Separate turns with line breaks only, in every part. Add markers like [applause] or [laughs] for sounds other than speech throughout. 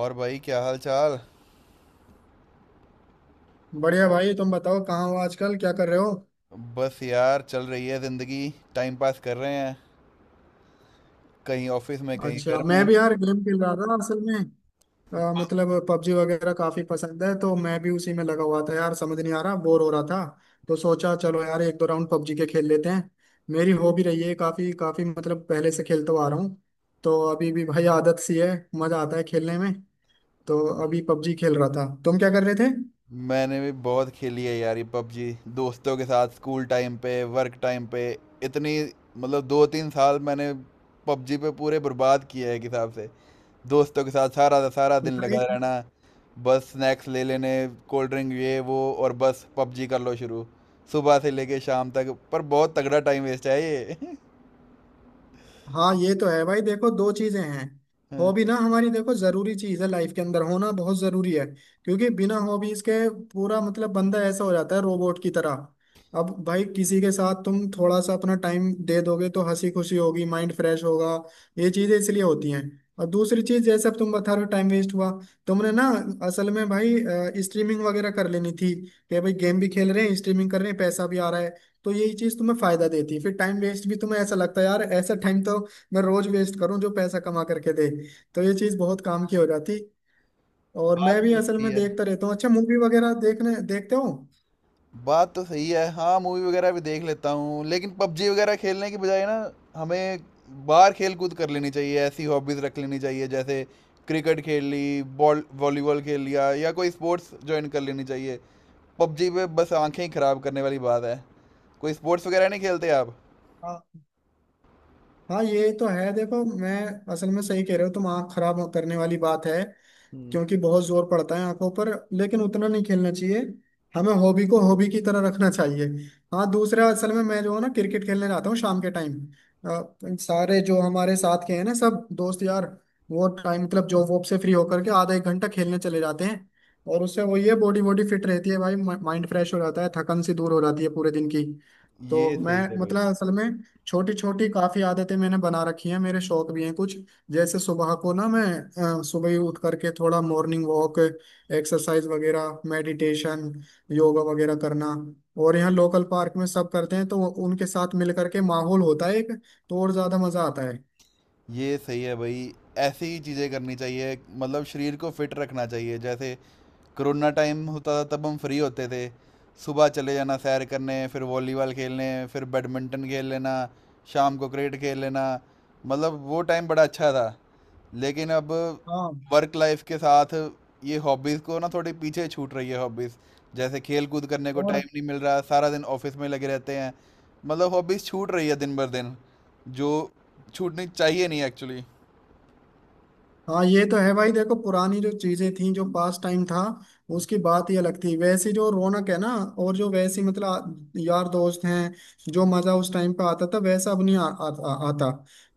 और भाई क्या हाल चाल।
बढ़िया भाई। तुम बताओ कहाँ हो आजकल, क्या कर रहे हो?
बस यार चल रही है जिंदगी। टाइम पास कर रहे हैं। कहीं ऑफिस में कहीं
अच्छा,
घर
मैं
में।
भी यार गेम खेल रहा था असल में। मतलब पबजी वगैरह काफी पसंद है तो मैं भी उसी में लगा हुआ था यार। समझ नहीं आ रहा, बोर हो रहा था। तो सोचा चलो यार एक दो राउंड पबजी के खेल लेते हैं। मेरी हॉबी रही है काफी। काफी मतलब पहले से खेलता हुआ आ रहा हूँ। तो अभी भी भाई आदत सी है, मजा आता है खेलने में। तो अभी पबजी खेल रहा था, तुम क्या कर रहे थे
मैंने भी बहुत खेली है यार ये पबजी दोस्तों के साथ स्कूल टाइम पे वर्क टाइम पे। इतनी मतलब दो तीन साल मैंने पबजी पे पूरे बर्बाद किए हैं एक हिसाब से। दोस्तों के साथ सारा सारा दिन
भाई?
लगा रहना। बस स्नैक्स ले लेने। कोल्ड ड्रिंक ये वो और बस पबजी कर लो शुरू। सुबह से लेके शाम तक पर बहुत तगड़ा टाइम वेस्ट है ये [laughs]
हाँ ये तो है भाई, देखो दो चीजें हैं।
हाँ,
हॉबी ना हमारी, देखो जरूरी चीज है, लाइफ के अंदर होना बहुत जरूरी है। क्योंकि बिना हॉबीज के पूरा मतलब बंदा ऐसा हो जाता है रोबोट की तरह। अब भाई किसी के साथ तुम थोड़ा सा अपना टाइम दे दोगे तो हंसी खुशी होगी, माइंड फ्रेश होगा। ये चीजें इसलिए होती हैं। और दूसरी चीज जैसे अब तुम बता रहे हो टाइम वेस्ट हुआ, तुमने ना असल में भाई स्ट्रीमिंग वगैरह कर लेनी थी। कि भाई गेम भी खेल रहे हैं, स्ट्रीमिंग कर रहे हैं, पैसा भी आ रहा है। तो यही चीज तुम्हें फायदा देती है। फिर टाइम वेस्ट भी तुम्हें ऐसा लगता है यार, ऐसा टाइम तो मैं रोज वेस्ट करूं जो पैसा कमा करके दे। तो ये चीज बहुत काम की हो जाती। और मैं
बात
भी
तो
असल
सही
में
है।
देखता रहता हूँ। अच्छा, मूवी वगैरह देखने देखते हो?
बात तो सही है हाँ मूवी वगैरह भी देख लेता हूँ लेकिन पबजी वगैरह खेलने की बजाय ना हमें बाहर खेल कूद कर लेनी चाहिए ऐसी हॉबीज़ रख लेनी चाहिए जैसे क्रिकेट खेल ली बॉल वॉलीबॉल खेल लिया या कोई स्पोर्ट्स ज्वाइन कर लेनी चाहिए। पबजी पे बस आंखें ही खराब करने वाली बात है। कोई स्पोर्ट्स वगैरह नहीं खेलते आप।
हाँ। हाँ ये तो है देखो, मैं असल में सही कह रहे हो तुम, आँख खराब करने वाली बात है।
हम्म।
क्योंकि बहुत जोर पड़ता है आंखों पर। लेकिन उतना नहीं खेलना चाहिए, हमें हॉबी को हॉबी की तरह रखना चाहिए। हाँ दूसरा असल में मैं जो है ना क्रिकेट खेलने जाता हूँ शाम के टाइम, सारे जो हमारे साथ के हैं ना सब दोस्त यार, वो टाइम मतलब जॉब वॉब से फ्री होकर के आधा एक घंटा खेलने चले जाते हैं। और उससे वो ये बॉडी बॉडी फिट रहती है भाई, माइंड फ्रेश हो जाता है, थकन सी दूर हो जाती है पूरे दिन की। तो
ये
मैं
सही है भाई।
मतलब असल में छोटी छोटी काफी आदतें मैंने बना रखी हैं, मेरे शौक भी हैं कुछ। जैसे सुबह को ना मैं सुबह ही उठ करके थोड़ा मॉर्निंग वॉक, एक्सरसाइज वगैरह, मेडिटेशन, योगा वगैरह करना। और यहाँ लोकल पार्क में सब करते हैं तो उनके साथ मिल करके माहौल होता है एक, तो और ज्यादा मजा आता है।
ये सही है भाई ऐसी ही चीज़ें करनी चाहिए मतलब शरीर को फिट रखना चाहिए जैसे कोरोना टाइम होता था तब हम फ्री होते थे। सुबह चले जाना सैर करने फिर वॉलीबॉल खेलने फिर बैडमिंटन खेल लेना। शाम को क्रिकेट खेल लेना। मतलब वो टाइम बड़ा अच्छा था लेकिन अब
हाँ
वर्क लाइफ के साथ ये हॉबीज़ को ना थोड़ी पीछे छूट रही है हॉबीज़। जैसे खेल कूद करने को टाइम
और।
नहीं मिल रहा सारा दिन ऑफिस में लगे रहते हैं। मतलब हॉबीज छूट रही है दिन भर दिन जो छूटनी चाहिए नहीं एक्चुअली।
हाँ ये तो है भाई, देखो पुरानी जो चीजें थी, जो पास टाइम था, उसकी बात ही अलग थी। वैसी जो रौनक है ना, और जो वैसी मतलब यार दोस्त हैं, जो मजा उस टाइम पे आता था वैसा अब नहीं आ, आ, आ, आता।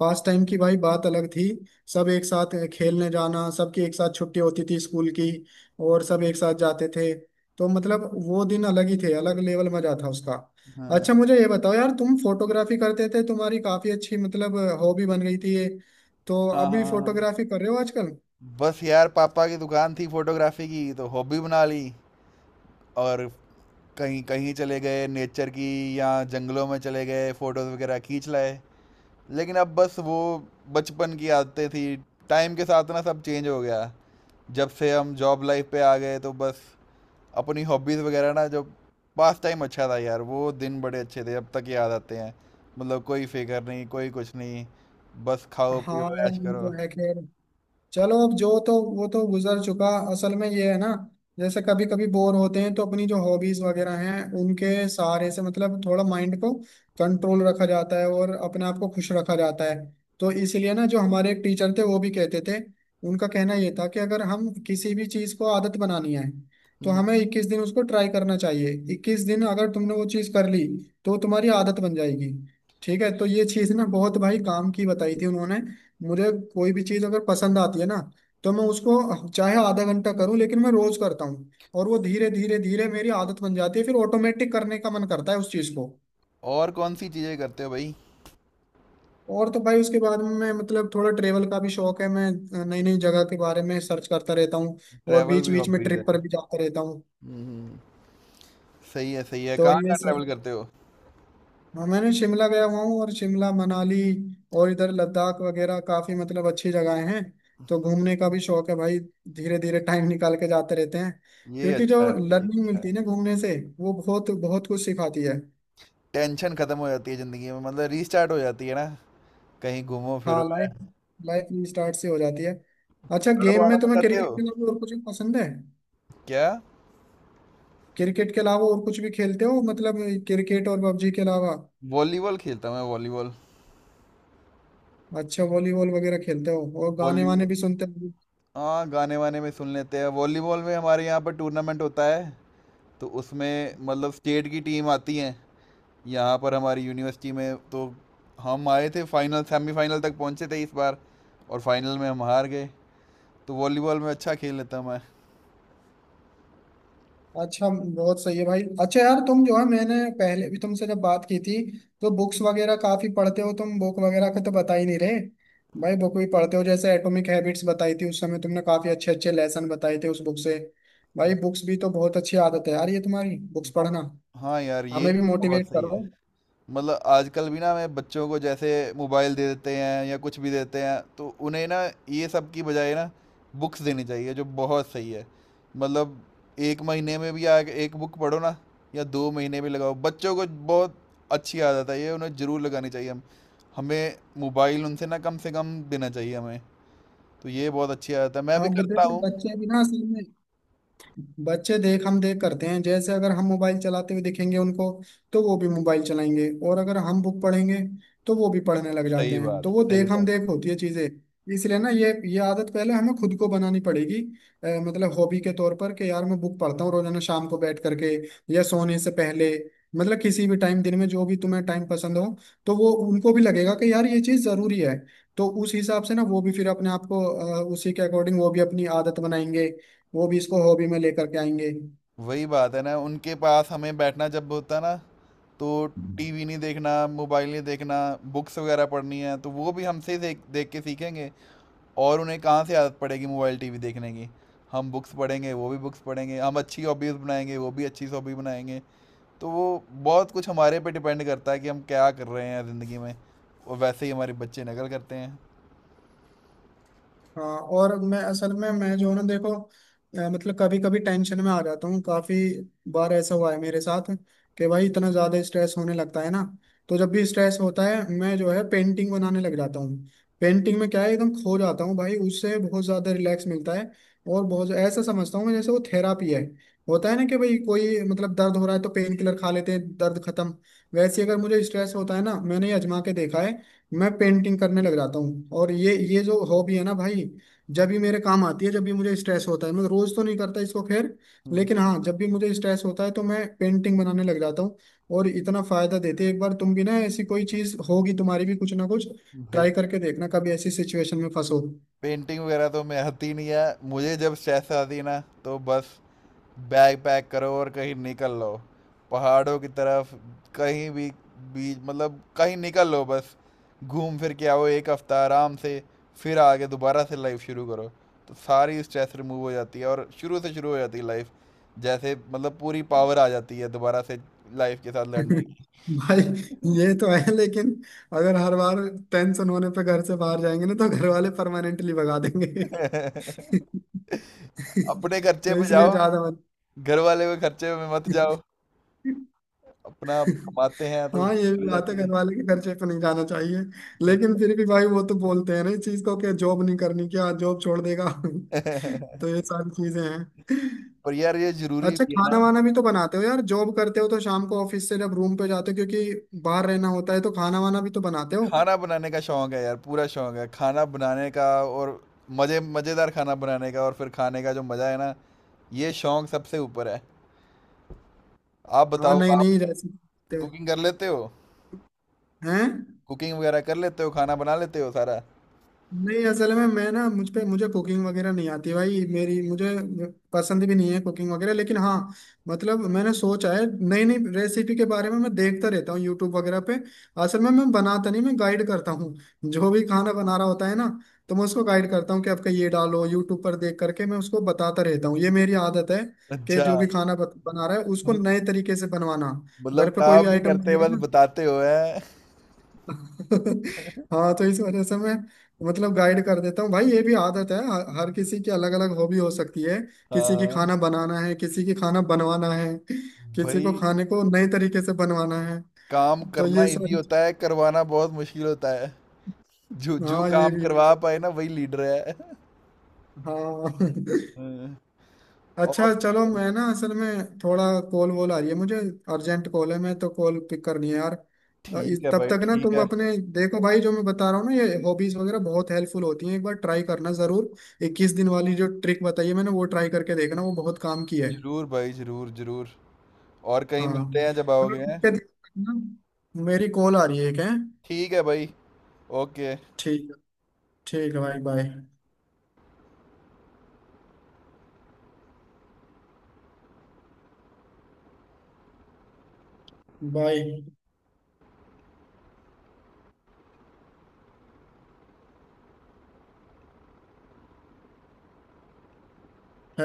पास टाइम की भाई बात अलग थी, सब एक साथ खेलने जाना, सबकी एक साथ छुट्टी होती थी स्कूल की, और सब एक साथ जाते थे। तो मतलब वो दिन अलग ही थे, अलग लेवल मजा था उसका।
हाँ
अच्छा मुझे ये बताओ यार, तुम फोटोग्राफी करते थे, तुम्हारी काफी अच्छी मतलब हॉबी बन गई थी ये। तो
हाँ हाँ
अभी
हाँ।
फोटोग्राफी कर रहे हो आजकल?
बस यार पापा की दुकान थी फोटोग्राफी की तो हॉबी बना ली और कहीं कहीं चले गए नेचर की या जंगलों में चले गए फोटोज वगैरह खींच लाए। लेकिन अब बस वो बचपन की आदतें थी टाइम के साथ ना सब चेंज हो गया। जब से हम जॉब लाइफ पे आ गए तो बस अपनी हॉबीज़ वगैरह ना जो पास टाइम अच्छा था यार वो दिन बड़े अच्छे थे अब तक याद आते हैं। मतलब कोई फिक्र नहीं कोई कुछ नहीं बस खाओ
हाँ
पियो
यार
ऐश
ये
करो।
तो है खैर, चलो अब जो तो वो तो गुजर चुका। असल में ये है ना, जैसे कभी कभी बोर होते हैं तो अपनी जो हॉबीज वगैरह हैं उनके सहारे से मतलब थोड़ा माइंड को कंट्रोल रखा जाता है और अपने आप को खुश रखा जाता है। तो इसलिए ना जो हमारे एक टीचर थे वो भी कहते थे, उनका कहना ये था कि अगर हम किसी भी चीज़ को आदत बनानी है तो
हम्म।
हमें 21 दिन उसको ट्राई करना चाहिए। 21 दिन अगर तुमने वो चीज़ कर ली तो वो तुम्हारी आदत बन जाएगी। ठीक है, तो ये चीज़ ना बहुत भाई काम की बताई थी उन्होंने। मुझे कोई भी चीज अगर पसंद आती है ना, तो मैं उसको चाहे आधा घंटा करूं लेकिन मैं रोज करता हूँ। और वो धीरे धीरे धीरे मेरी आदत बन जाती है, फिर ऑटोमेटिक करने का मन करता है उस चीज को।
और कौन सी चीज़ें करते हो भाई।
और तो भाई उसके बाद में मैं मतलब थोड़ा ट्रेवल का भी शौक है, मैं नई नई जगह के बारे में सर्च करता रहता हूँ। और
ट्रैवल
बीच
भी
बीच में
हॉबीज़
ट्रिप
है।
पर भी जाता रहता हूँ।
हम्म। सही है
तो
कहाँ
ये
कहाँ
सब।
ट्रैवल करते हो।
हाँ मैंने शिमला गया हुआ हूँ, और शिमला मनाली और इधर लद्दाख वगैरह काफी मतलब अच्छी जगहें हैं। तो घूमने का भी शौक है भाई, धीरे धीरे टाइम निकाल के जाते रहते हैं।
ये
क्योंकि
अच्छा
जो
है। ये
लर्निंग
अच्छा
मिलती है ना
है।
घूमने से, वो बहुत बहुत कुछ सिखाती है।
टेंशन खत्म हो जाती है ज़िंदगी में मतलब रीस्टार्ट हो जाती है ना। कहीं घूमो फिरो
हाँ लाइफ,
पहाड़ों
लाइफ स्टार्ट से हो जाती है। अच्छा, गेम
वहाड़ों
में
में
तुम्हें
जाते हो
क्रिकेट के अलावा और कुछ भी पसंद है?
क्या।
क्रिकेट के अलावा और कुछ भी खेलते हो मतलब, क्रिकेट और पबजी के अलावा?
वॉलीबॉल खेलता हूँ मैं वॉलीबॉल।
अच्छा वॉलीबॉल वगैरह खेलते हो, और गाने वाने
वॉलीबॉल।
भी सुनते हो?
हाँ गाने वाने में सुन लेते हैं वॉलीबॉल में हमारे यहाँ पर टूर्नामेंट होता है। तो उसमें मतलब स्टेट की टीम आती है यहाँ पर हमारी यूनिवर्सिटी में। तो हम आए थे फाइनल सेमीफाइनल तक पहुँचे थे इस बार और फाइनल में हम हार गए। तो वॉलीबॉल में अच्छा खेल लेता मैं।
अच्छा बहुत सही है भाई। अच्छा यार तुम जो है मैंने पहले भी तुमसे जब बात की थी तो बुक्स वगैरह काफी पढ़ते हो तुम, बुक वगैरह का तो बता ही नहीं रहे भाई। बुक भी पढ़ते हो जैसे एटॉमिक हैबिट्स बताई थी उस समय, तुमने काफी अच्छे अच्छे लेसन बताए थे उस बुक से। भाई बुक्स भी तो बहुत अच्छी आदत है यार ये तुम्हारी, बुक्स
वो-
पढ़ना।
हाँ यार ये
हमें भी
तो बहुत
मोटिवेट
सही है।
करो।
मतलब आजकल भी ना मैं बच्चों को जैसे मोबाइल दे देते हैं या कुछ भी देते हैं तो उन्हें ना ये सब की बजाय ना बुक्स देनी चाहिए जो बहुत सही है। मतलब एक महीने में भी आगे एक बुक पढ़ो ना या दो महीने में लगाओ बच्चों को बहुत अच्छी आदत है ये उन्हें ज़रूर लगानी चाहिए हम हमें मोबाइल उनसे ना कम से कम देना चाहिए हमें। तो ये बहुत अच्छी आदत है मैं
हाँ
भी करता
देखो
हूँ।
बच्चे भी ना असल में, बच्चे देख हम देख करते हैं। जैसे अगर हम मोबाइल चलाते हुए देखेंगे उनको तो वो भी मोबाइल चलाएंगे, और अगर हम बुक पढ़ेंगे तो वो भी पढ़ने लग जाते
सही
हैं।
बात
तो वो
सही
देख हम
बात।
देख होती है चीजें। इसलिए ना ये आदत पहले हमें खुद को बनानी पड़ेगी। मतलब हॉबी के तौर पर, कि यार मैं बुक पढ़ता हूँ रोजाना शाम को बैठ करके या सोने से पहले, मतलब किसी भी टाइम दिन में जो भी तुम्हें टाइम पसंद हो। तो वो उनको भी लगेगा कि यार ये चीज जरूरी है। तो उस हिसाब से ना वो भी फिर अपने आप को उसी के अकॉर्डिंग वो भी अपनी आदत बनाएंगे। वो भी इसको हॉबी में लेकर के आएंगे।
वही बात है ना उनके पास हमें बैठना जब होता ना तो टीवी नहीं देखना मोबाइल नहीं देखना बुक्स वगैरह पढ़नी है तो वो भी हमसे ही देख देख के सीखेंगे। और उन्हें कहाँ से आदत पड़ेगी मोबाइल टीवी देखने की। हम बुक्स पढ़ेंगे वो भी बुक्स पढ़ेंगे हम अच्छी हॉबीज़ बनाएंगे वो भी अच्छी हॉबी बनाएंगे। तो वो बहुत कुछ हमारे पे डिपेंड करता है कि हम क्या कर रहे हैं ज़िंदगी में। और वैसे ही हमारे बच्चे नकल करते हैं।
हाँ और मैं असल में मैं जो है ना देखो, मतलब कभी कभी टेंशन में आ जाता हूँ, काफी बार ऐसा हुआ है मेरे साथ कि भाई इतना ज्यादा स्ट्रेस होने लगता है ना। तो जब भी स्ट्रेस होता है मैं जो है पेंटिंग बनाने लग जाता हूँ। पेंटिंग में क्या है एकदम खो जाता हूँ भाई, उससे बहुत ज्यादा रिलैक्स मिलता है। और बहुत ऐसा समझता हूँ मैं जैसे वो थेरापी है। होता है ना कि भाई कोई मतलब दर्द हो रहा है तो पेन किलर खा लेते हैं, दर्द खत्म। वैसे ही अगर मुझे स्ट्रेस होता है ना, मैंने ये आजमा के देखा है, मैं पेंटिंग करने लग जाता हूँ। और ये जो हॉबी है ना भाई, जब भी मेरे काम आती है, जब भी मुझे स्ट्रेस होता है। मैं रोज तो नहीं करता इसको खैर,
हम्म।
लेकिन हाँ जब भी मुझे स्ट्रेस होता है तो मैं पेंटिंग बनाने लग जाता हूँ। और इतना फायदा देती है, एक बार तुम भी ना ऐसी कोई चीज होगी तुम्हारी भी कुछ ना कुछ,
भाई
ट्राई करके देखना कभी ऐसी सिचुएशन में फंसो।
पेंटिंग वगैरह तो मैं आती नहीं है। मुझे जब स्ट्रेस आती ना तो बस बैग पैक करो और कहीं निकल लो पहाड़ों की तरफ कहीं भी बीच मतलब कहीं निकल लो बस। घूम फिर के आओ एक हफ्ता आराम से। फिर आगे दोबारा से लाइफ शुरू करो। तो सारी स्ट्रेस रिमूव हो जाती है और शुरू से शुरू हो जाती है लाइफ। जैसे मतलब पूरी पावर आ जाती है दोबारा से लाइफ के साथ लड़ने
[laughs] भाई ये तो है, लेकिन अगर हर बार टेंशन होने पे घर से बाहर जाएंगे ना तो घर वाले परमानेंटली भगा देंगे। [laughs]
की। [laughs] अपने खर्चे
तो
पे
इसलिए
जाओ।
ज्यादा मत।
घर वाले के खर्चे पे मत जाओ। अपना
[laughs]
कमाते हैं तो
हाँ ये भी
चले
बात है,
जाते
घर
हैं।
वाले के खर्चे पे नहीं जाना चाहिए।
सही।
लेकिन फिर भी भाई वो तो बोलते हैं ना इस चीज को, कि जॉब नहीं करनी क्या, जॉब छोड़ देगा? [laughs] तो
[laughs]
ये सारी चीजें हैं।
पर यार ये जरूरी
अच्छा
भी है।
खाना वाना भी तो बनाते हो यार, जॉब करते हो तो शाम को ऑफिस से जब रूम पे जाते हो क्योंकि बाहर रहना होता है, तो खाना वाना भी तो बनाते हो?
खाना बनाने का शौक है यार पूरा शौक है खाना बनाने का और मजे मजेदार खाना बनाने का और फिर खाने का जो मजा है ना ये शौक सबसे ऊपर है। आप
हाँ
बताओ
नई
आप
नई रेसिपी
कुकिंग कर लेते हो।
हैं?
कुकिंग वगैरह कर लेते हो खाना बना लेते हो सारा।
नहीं असल में मैं ना मुझे कुकिंग वगैरह नहीं आती भाई, मेरी मुझे पसंद भी नहीं है कुकिंग वगैरह। लेकिन हाँ मतलब मैंने सोचा है नई नई रेसिपी के बारे में, मैं देखता रहता हूँ यूट्यूब वगैरह पे। असल में मैं बनाता नहीं, मैं गाइड करता हूँ। जो भी खाना बना रहा होता है ना, तो मैं उसको गाइड करता हूँ कि आपका ये डालो, यूट्यूब पर देख करके मैं उसको बताता रहता हूँ, ये मेरी आदत है। कि
अच्छा
जो
[laughs]
भी खाना बना रहा है उसको नए तरीके से बनवाना।
मतलब
घर पे कोई भी
काम नहीं
आइटम
करते बस
बनेगा।
बताते हो है।
[laughs] हाँ तो इस वजह से मैं मतलब गाइड कर देता हूँ भाई, ये भी आदत है, हर हर किसी की अलग अलग हॉबी हो सकती है। किसी की
हाँ
खाना बनाना है, किसी की खाना बनवाना है, किसी को
भाई
खाने को नए तरीके से बनवाना है।
काम
तो
करना
ये
इजी
सारी।
होता है करवाना बहुत मुश्किल होता है। जो जो
हाँ ये
काम
भी
करवा
है।
पाए ना वही लीडर है।
हाँ। [laughs]
हाँ, और
अच्छा चलो मैं ना असल में थोड़ा कॉल वॉल आ रही है मुझे, अर्जेंट कॉल है, मैं तो कॉल पिक करनी है यार।
ठीक है
तब
भाई
तक ना
ठीक
तुम
है।
अपने, देखो भाई जो मैं बता रहा हूँ ना ये हॉबीज वगैरह बहुत हेल्पफुल होती हैं, एक बार ट्राई करना जरूर। 21 दिन वाली जो ट्रिक बताई है मैंने, वो ट्राई करके देखना वो बहुत काम की है।
जरूर भाई जरूर जरूर। और कहीं
हाँ
मिलते हैं जब
चलो
आओगे हैं।
ठीक है, ध्यान रखना। मेरी कॉल आ रही है क्या।
ठीक है भाई। ओके।
ठीक है। ठीक है भाई बाय। बाय।